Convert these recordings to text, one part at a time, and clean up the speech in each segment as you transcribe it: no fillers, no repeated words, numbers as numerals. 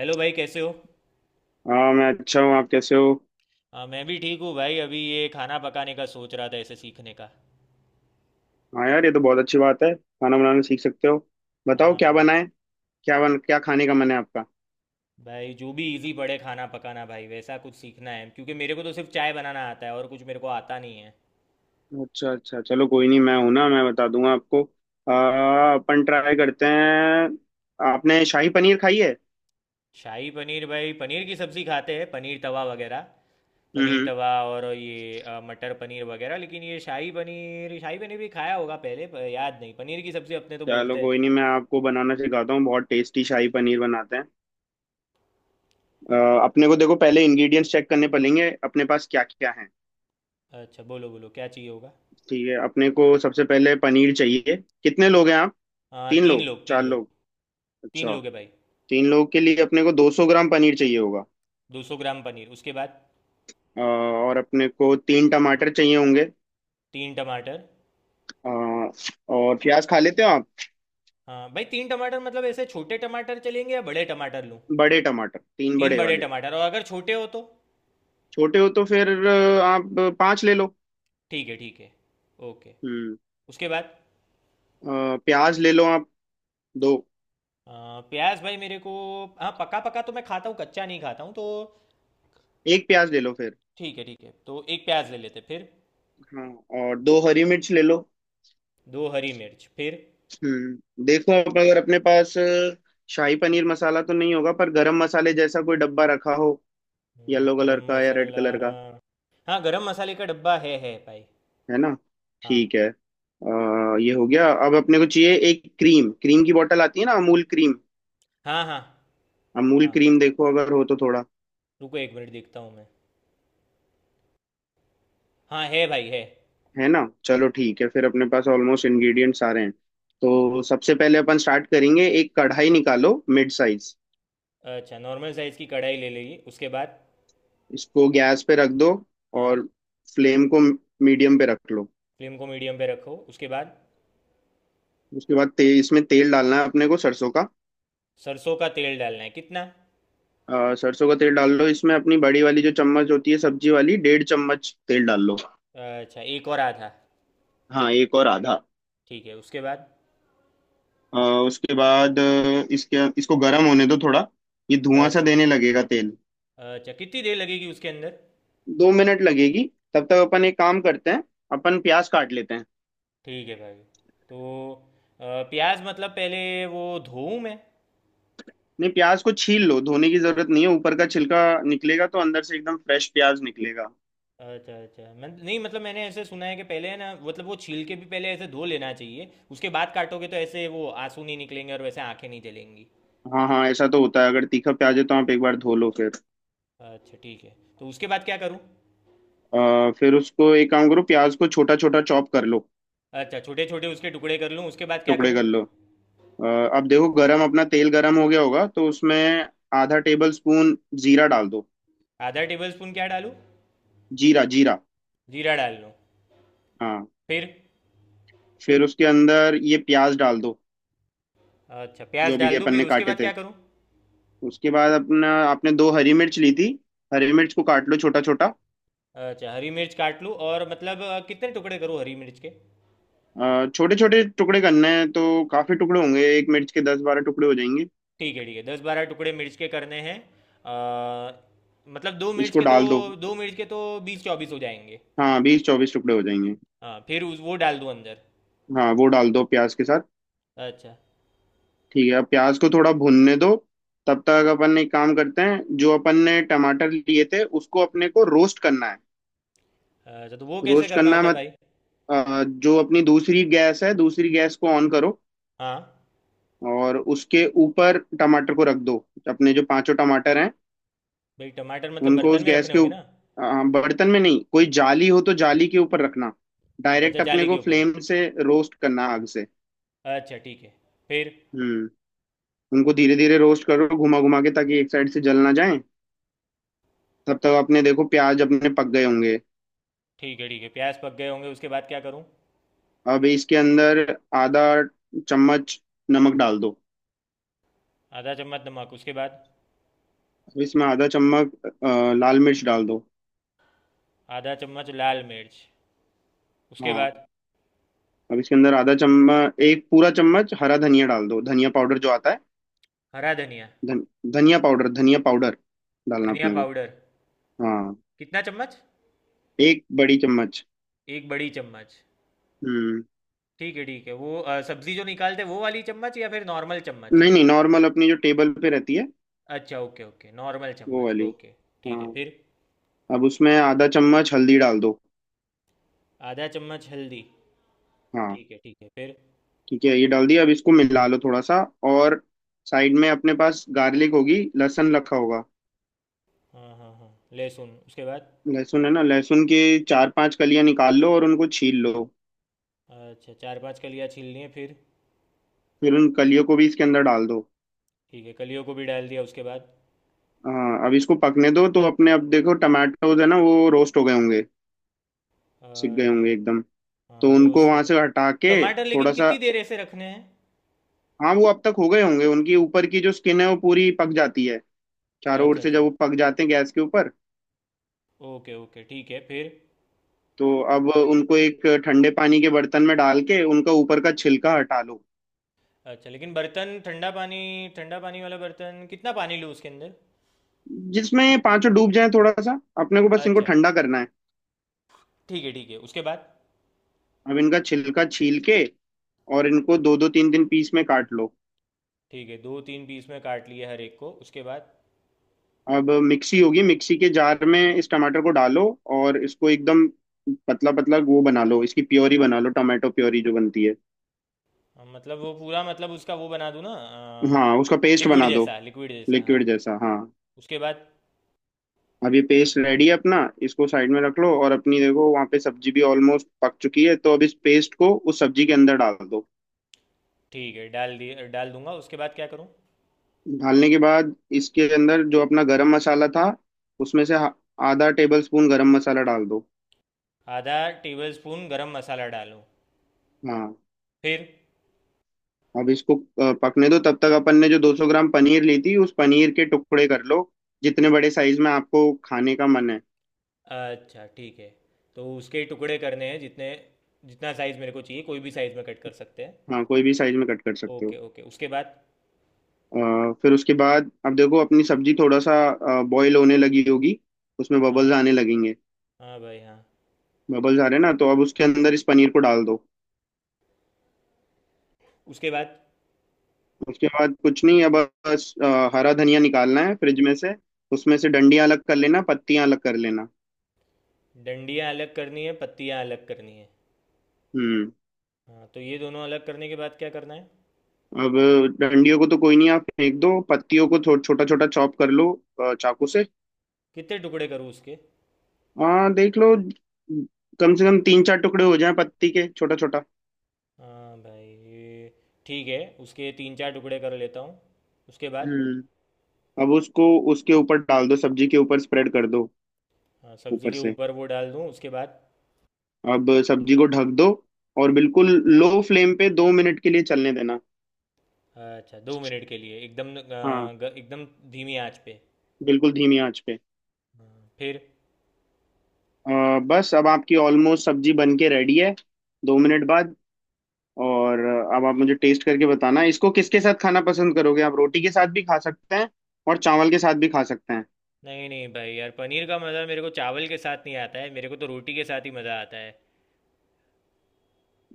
Hello भाई, कैसे हो। हाँ, मैं अच्छा हूँ। आप कैसे हो? हाँ, मैं भी ठीक हूँ भाई। अभी ये खाना पकाने का सोच रहा था, ऐसे सीखने का। हाँ यार, ये तो बहुत अच्छी बात है, खाना बनाना सीख सकते हो। बताओ हाँ क्या भाई। बनाए। क्या खाने का मन है आपका? जो भी इजी पड़े खाना पकाना भाई, वैसा कुछ सीखना है, क्योंकि मेरे को तो सिर्फ चाय बनाना आता है, और कुछ मेरे को आता नहीं है। अच्छा अच्छा, चलो कोई नहीं, मैं हूं ना, मैं बता दूंगा आपको। अपन ट्राई करते हैं। आपने शाही पनीर खाई है? शाही पनीर भाई, पनीर की सब्ज़ी खाते हैं, पनीर तवा वगैरह। पनीर हम्म। तवा और ये मटर पनीर वगैरह। लेकिन ये शाही पनीर भी खाया होगा पहले, पर याद नहीं। पनीर की सब्ज़ी अपने तो चलो बोलते हैं। कोई नहीं, मैं आपको बनाना सिखाता हूँ, बहुत टेस्टी शाही पनीर बनाते हैं। अपने को देखो, पहले इंग्रेडिएंट्स चेक करने पड़ेंगे, अपने पास क्या क्या है। अच्छा, बोलो बोलो क्या चाहिए होगा। ठीक है, अपने को सबसे पहले पनीर चाहिए। कितने लोग हैं आप? तीन तीन लोग लोग, तीन चार लोग लोग। तीन अच्छा। लोग है भाई। तीन लोगों के लिए अपने को 200 ग्राम पनीर चाहिए होगा। 200 ग्राम पनीर, उसके बाद। और अपने को तीन टमाटर चाहिए होंगे। तीन टमाटर। अ, और प्याज खा लेते हो आप? हाँ भाई, तीन टमाटर मतलब ऐसे छोटे टमाटर चलेंगे या बड़े टमाटर लूँ। बड़े टमाटर, तीन तीन बड़े बड़े वाले। टमाटर, और अगर छोटे हो तो। छोटे हो तो फिर आप पांच ले लो। ठीक है, ठीक है। ओके। हम्म। उसके बाद प्याज ले लो आप, दो। अ, प्याज भाई मेरे को, हाँ पका पका तो मैं खाता हूँ, कच्चा नहीं खाता हूँ तो। एक प्याज ले लो फिर। ठीक है, ठीक है, तो एक प्याज ले लेते फिर। हाँ। और दो हरी मिर्च ले लो। दो हरी मिर्च फिर। हम्म, देखो आप अगर अपने पास शाही पनीर मसाला तो नहीं होगा, पर गरम मसाले जैसा कोई डब्बा रखा हो। येलो कलर गरम का या रेड मसाला। कलर का। हाँ, गरम मसाले का डब्बा है भाई। है ना? हाँ। ठीक है, ये हो गया। अब अपने को चाहिए एक क्रीम, क्रीम की बोतल आती है ना, अमूल क्रीम। हाँ। हाँ। अमूल हाँ, क्रीम देखो, अगर हो तो थोड़ा। रुको 1 मिनट देखता हूँ मैं। हाँ, है भाई, है। है ना, चलो ठीक है, फिर अपने पास ऑलमोस्ट इंग्रेडिएंट सारे हैं। हाँ। तो सबसे पहले अपन स्टार्ट करेंगे, एक कढ़ाई निकालो, मिड साइज। अच्छा, नॉर्मल साइज़ की कढ़ाई ले लेगी, उसके बाद। इसको गैस पे रख दो हाँ। और फ्लेम को मीडियम पे रख लो। फ्लेम को मीडियम पे रखो, उसके बाद। उसके बाद इसमें तेल डालना है अपने को, सरसों का। सरसों का तेल डालना है, कितना। सरसों का तेल डाल लो, इसमें अपनी बड़ी वाली जो चम्मच होती है सब्जी वाली, डेढ़ चम्मच तेल डाल लो। अच्छा, एक और आधा। हाँ, एक और आधा। ठीक है, उसके बाद। अ, उसके बाद इसके इसको गर्म होने दो थोड़ा। ये धुआं सा अच्छा। देने लगेगा तेल। अच्छा, कितनी देर लगेगी उसके अंदर। 2 मिनट लगेगी। तब तक अपन एक काम करते हैं, अपन प्याज काट लेते हैं। ठीक है भाई। तो प्याज मतलब पहले, वो धोऊं मैं। नहीं, प्याज को छील लो, धोने की जरूरत नहीं है। ऊपर का छिलका निकलेगा तो अंदर से एकदम फ्रेश प्याज निकलेगा। अच्छा अच्छा, मैं नहीं, मतलब मैंने ऐसे सुना है कि पहले है ना, मतलब वो छील के भी पहले ऐसे धो लेना चाहिए, उसके बाद काटोगे तो ऐसे वो आंसू नहीं निकलेंगे और वैसे आंखें नहीं जलेंगी। हाँ हाँ, ऐसा तो होता है, अगर तीखा प्याज है तो आप एक बार धो लो फिर। अच्छा ठीक है, तो उसके बाद क्या करूँ। फिर उसको एक काम करो, प्याज को छोटा छोटा चॉप कर लो, अच्छा, छोटे छोटे उसके टुकड़े कर लूँ, उसके बाद क्या टुकड़े करूँ। कर लो। अ, अब देखो, गरम, अपना तेल गरम हो गया होगा, तो उसमें आधा टेबल स्पून जीरा डाल दो। आधा टेबल स्पून क्या डालूँ। जीरा जीरा। जीरा डाल लूँ, हाँ, फिर। फिर उसके अंदर ये प्याज डाल दो, अच्छा, प्याज जो भी डाल दूँ, अपन फिर ने उसके काटे बाद थे। क्या करूँ। उसके बाद अपना, आपने दो हरी मिर्च ली थी, हरी मिर्च को काट लो छोटा छोटा। अच्छा, हरी मिर्च काट लूँ, और मतलब कितने टुकड़े करूँ हरी मिर्च के। छोटे छोटे टुकड़े करने हैं, तो काफी टुकड़े होंगे, एक मिर्च के 10-12 टुकड़े हो जाएंगे। ठीक है ठीक है, 10-12 टुकड़े मिर्च के करने हैं। अ, मतलब दो मिर्च इसको के तो डाल दो। दो मिर्च के तो 20-24 हो जाएंगे। हाँ, 20-24 टुकड़े हो जाएंगे। हाँ फिर उस वो डाल दूँ अंदर। हाँ, वो डाल दो प्याज के साथ। अच्छा। ठीक है, अब प्याज को थोड़ा भुनने दो। तब तक अपन एक काम करते हैं, जो अपन ने टमाटर लिए थे उसको अपने को रोस्ट करना है। अच्छा, तो वो कैसे रोस्ट करना करना है। होता है मत भाई। अ, जो अपनी दूसरी गैस है, दूसरी गैस को ऑन करो हाँ और उसके ऊपर टमाटर को रख दो, अपने जो पांचों टमाटर हैं। भाई, टमाटर मतलब उनको बर्तन उस में गैस रखने के होंगे ऊप- ना। बर्तन में नहीं, कोई जाली हो तो जाली के ऊपर रखना। अच्छा, डायरेक्ट अपने जाली के को ऊपर। फ्लेम से रोस्ट करना, आग से। अच्छा ठीक है, फिर। हम्म। उनको धीरे धीरे रोस्ट करो, घुमा घुमा के, ताकि एक साइड से जल ना जाए। तब तक अपने देखो प्याज अपने पक गए होंगे। ठीक है ठीक है, प्याज पक गए होंगे, उसके बाद क्या करूँ। अब इसके अंदर आधा चम्मच नमक डाल दो। आधा चम्मच नमक, उसके बाद। अब इसमें आधा चम्मच लाल मिर्च डाल दो। आधा चम्मच लाल मिर्च, उसके हाँ। बाद। अब इसके अंदर आधा चम्मच, एक पूरा चम्मच हरा धनिया डाल दो, धनिया पाउडर जो आता है। हरा धनिया। धन धनिया पाउडर, धनिया पाउडर डालना धनिया अपने को। पाउडर। हाँ, कितना चम्मच। एक बड़ी चम्मच। एक बड़ी चम्मच। हम्म। ठीक है ठीक है, वो सब्जी जो निकालते हैं वो वाली चम्मच या फिर नॉर्मल चम्मच। नहीं नहीं, नॉर्मल, अपनी जो टेबल पे रहती है अच्छा ओके ओके, नॉर्मल वो चम्मच, वाली। ओके। ठीक हाँ, है फिर। अब उसमें आधा चम्मच हल्दी डाल दो। आधा चम्मच हल्दी। हाँ। ठीक है ठीक है, फिर। ठीक है, ये डाल दिया, अब इसको मिला लो थोड़ा सा। और साइड में अपने पास गार्लिक होगी, लहसुन रखा होगा। हाँ, हाँ, हाँ। लहसुन, उसके बाद। लहसुन है ना, लहसुन के चार पांच कलियां निकाल लो और उनको छील लो। अच्छा, चार पांच कलियाँ छील लिए, फिर। फिर उन कलियों को भी इसके अंदर डाल दो। ठीक है, कलियों को भी डाल दिया, उसके बाद। हाँ, अब इसको पकने दो। तो अपने अब देखो, टमाटोज है ना, वो रोस्ट हो गए होंगे, सिक गए अच्छा। होंगे एकदम। तो हाँ, उनको रोस्ट। वहां से हटा के, टमाटर लेकिन थोड़ा सा। कितनी देर ऐसे रखने हैं। हाँ, वो अब तक हो गए होंगे, उनकी ऊपर की जो स्किन है वो पूरी पक जाती है चारों ओर अच्छा से, जब अच्छा। वो पक जाते हैं गैस के ऊपर। ओके ओके, ठीक है फिर। तो अब उनको एक ठंडे पानी के बर्तन में डाल के उनका ऊपर का छिलका हटा लो। अच्छा, लेकिन बर्तन ठंडा पानी, ठंडा पानी वाला बर्तन कितना पानी लूँ उसके अंदर। जिसमें ये पांचों डूब जाए, थोड़ा सा। अपने को बस इनको अच्छा। ठंडा करना है। ठीक है ठीक है, उसके बाद। अब इनका छिलका छील के और इनको दो दो तीन तीन पीस में काट लो। ठीक है, दो तीन पीस में काट लिए हर एक को, उसके बाद। अब मिक्सी होगी, मिक्सी के जार में इस टमाटर को डालो और इसको एकदम पतला पतला वो बना लो, इसकी प्योरी बना लो, टमाटो प्योरी जो बनती है। मतलब वो पूरा मतलब उसका वो बना दूँ ना। हाँ, उसका पेस्ट लिक्विड बना दो। जैसा, लिक्विड जैसा, हाँ। लिक्विड जैसा, हाँ। उसके बाद। अब ये पेस्ट रेडी है अपना, इसको साइड में रख लो। और अपनी देखो वहाँ पे सब्जी भी ऑलमोस्ट पक चुकी है, तो अब इस पेस्ट को उस सब्जी के अंदर डाल दो। ठीक है, डाल दिए, डाल दूंगा, उसके बाद क्या करूँ। डालने के बाद, इसके अंदर जो अपना गरम मसाला था उसमें से आधा टेबल स्पून गरम मसाला डाल दो। आधा टेबल स्पून गरम मसाला डालूँ, हाँ। फिर। अब इसको पकने दो। तब तक अपन ने जो 200 ग्राम पनीर ली थी, उस पनीर के टुकड़े कर लो, जितने बड़े साइज में आपको खाने का मन है। अच्छा ठीक है, तो उसके टुकड़े करने हैं जितने, जितना साइज़ मेरे को चाहिए, कोई भी साइज़ में कट कर सकते हैं। हाँ, कोई भी साइज में कट कर सकते ओके हो। ओके, उसके बाद। फिर उसके बाद अब देखो अपनी सब्जी थोड़ा सा बॉईल होने लगी होगी, उसमें हाँ। बबल्स आने लगेंगे। हाँ भाई, हाँ। बबल्स आ रहे हैं ना, तो अब उसके अंदर इस पनीर को डाल दो। उसके बाद। उसके बाद कुछ नहीं, अब बस हरा धनिया निकालना है फ्रिज में से, उसमें से डंडियां अलग कर लेना, पत्तियां अलग कर लेना। डंडियाँ अलग करनी है, पत्तियाँ अलग करनी है। हम्म। हाँ, तो ये दोनों अलग करने के बाद क्या करना है। अब डंडियों को तो कोई नहीं, आप फेंक दो, पत्तियों को छोटा छोटा चॉप कर लो, चाकू से। कितने टुकड़े करूँ उसके। हाँ देख लो, कम से कम तीन चार टुकड़े हो जाएं पत्ती के, छोटा छोटा। हाँ भाई ये, ठीक है, उसके तीन चार टुकड़े कर लेता हूँ, उसके बाद। हम्म। अब उसको, उसके ऊपर डाल दो, सब्जी के ऊपर स्प्रेड कर दो। हाँ, सब्जी ऊपर के से ऊपर वो डाल दूँ, उसके बाद। अब सब्जी को ढक दो और बिल्कुल लो फ्लेम पे 2 मिनट के लिए चलने देना। अच्छा, 2 मिनट के लिए एकदम हाँ, एकदम धीमी आंच पे। बिल्कुल धीमी आंच पे। हाँ, फिर। बस अब आपकी ऑलमोस्ट सब्जी बन के रेडी है, 2 मिनट बाद। और अब आप मुझे टेस्ट करके बताना, इसको किसके साथ खाना पसंद करोगे आप, रोटी के साथ भी खा सकते हैं और चावल के साथ भी खा सकते हैं। नहीं नहीं भाई यार, पनीर का मज़ा मेरे को चावल के साथ नहीं आता है, मेरे को तो रोटी के साथ ही मज़ा आता है।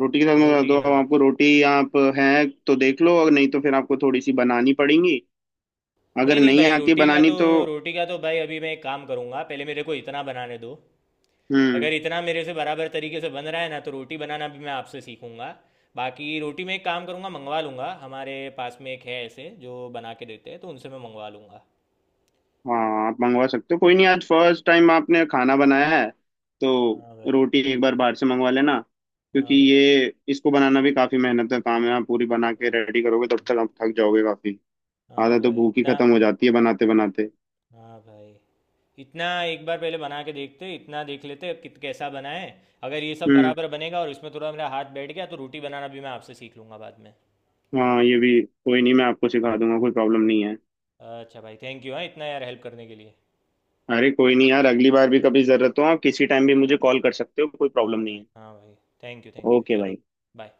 रोटी के साथ मैं बता रोटी, दूं, अब हाँ। आपको रोटी आप है तो देख लो, और नहीं तो फिर आपको थोड़ी सी बनानी पड़ेंगी, अगर नहीं नहीं नहीं भाई, आती रोटी का बनानी तो, तो। भाई अभी मैं एक काम करूंगा, पहले मेरे को इतना बनाने दो। हम्म। अगर इतना मेरे से बराबर तरीके से बन रहा है ना, तो रोटी बनाना भी मैं आपसे सीखूंगा। बाकी रोटी में एक काम करूंगा, मंगवा लूंगा, हमारे पास में एक है ऐसे जो बना के देते हैं, तो उनसे मैं मंगवा लूंगा। हाँ, आप मंगवा सकते हो, कोई नहीं, आज फर्स्ट टाइम आपने खाना बनाया है तो हाँ भाई। रोटी एक बार बाहर से मंगवा लेना, क्योंकि हाँ भाई। ये इसको बनाना भी काफी मेहनत का काम है, आप पूरी बना के रेडी करोगे तब तक आप थक जाओगे काफी। हाँ भाई, हाँ आधा तो भाई, भूख ही इतना। खत्म हो जाती है बनाते बनाते। हाँ भाई, इतना एक बार पहले बना के देखते, इतना देख लेते कित कैसा बना है। अगर ये सब हम्म। बराबर बनेगा और इसमें थोड़ा मेरा हाथ बैठ गया, तो रोटी बनाना भी मैं आपसे सीख लूंगा बाद में। हाँ, ये भी कोई नहीं, मैं आपको सिखा दूंगा, कोई प्रॉब्लम नहीं है। अच्छा भाई, थैंक यू, हाँ, इतना यार हेल्प करने के लिए। अरे कोई नहीं यार, अगली बार भी कभी जरूरत हो आप किसी टाइम भी मुझे कॉल कर सकते हो, कोई प्रॉब्लम हाँ नहीं भाई, है। हाँ भाई। Thank you, thank you, okay चलो। भाई। बाय।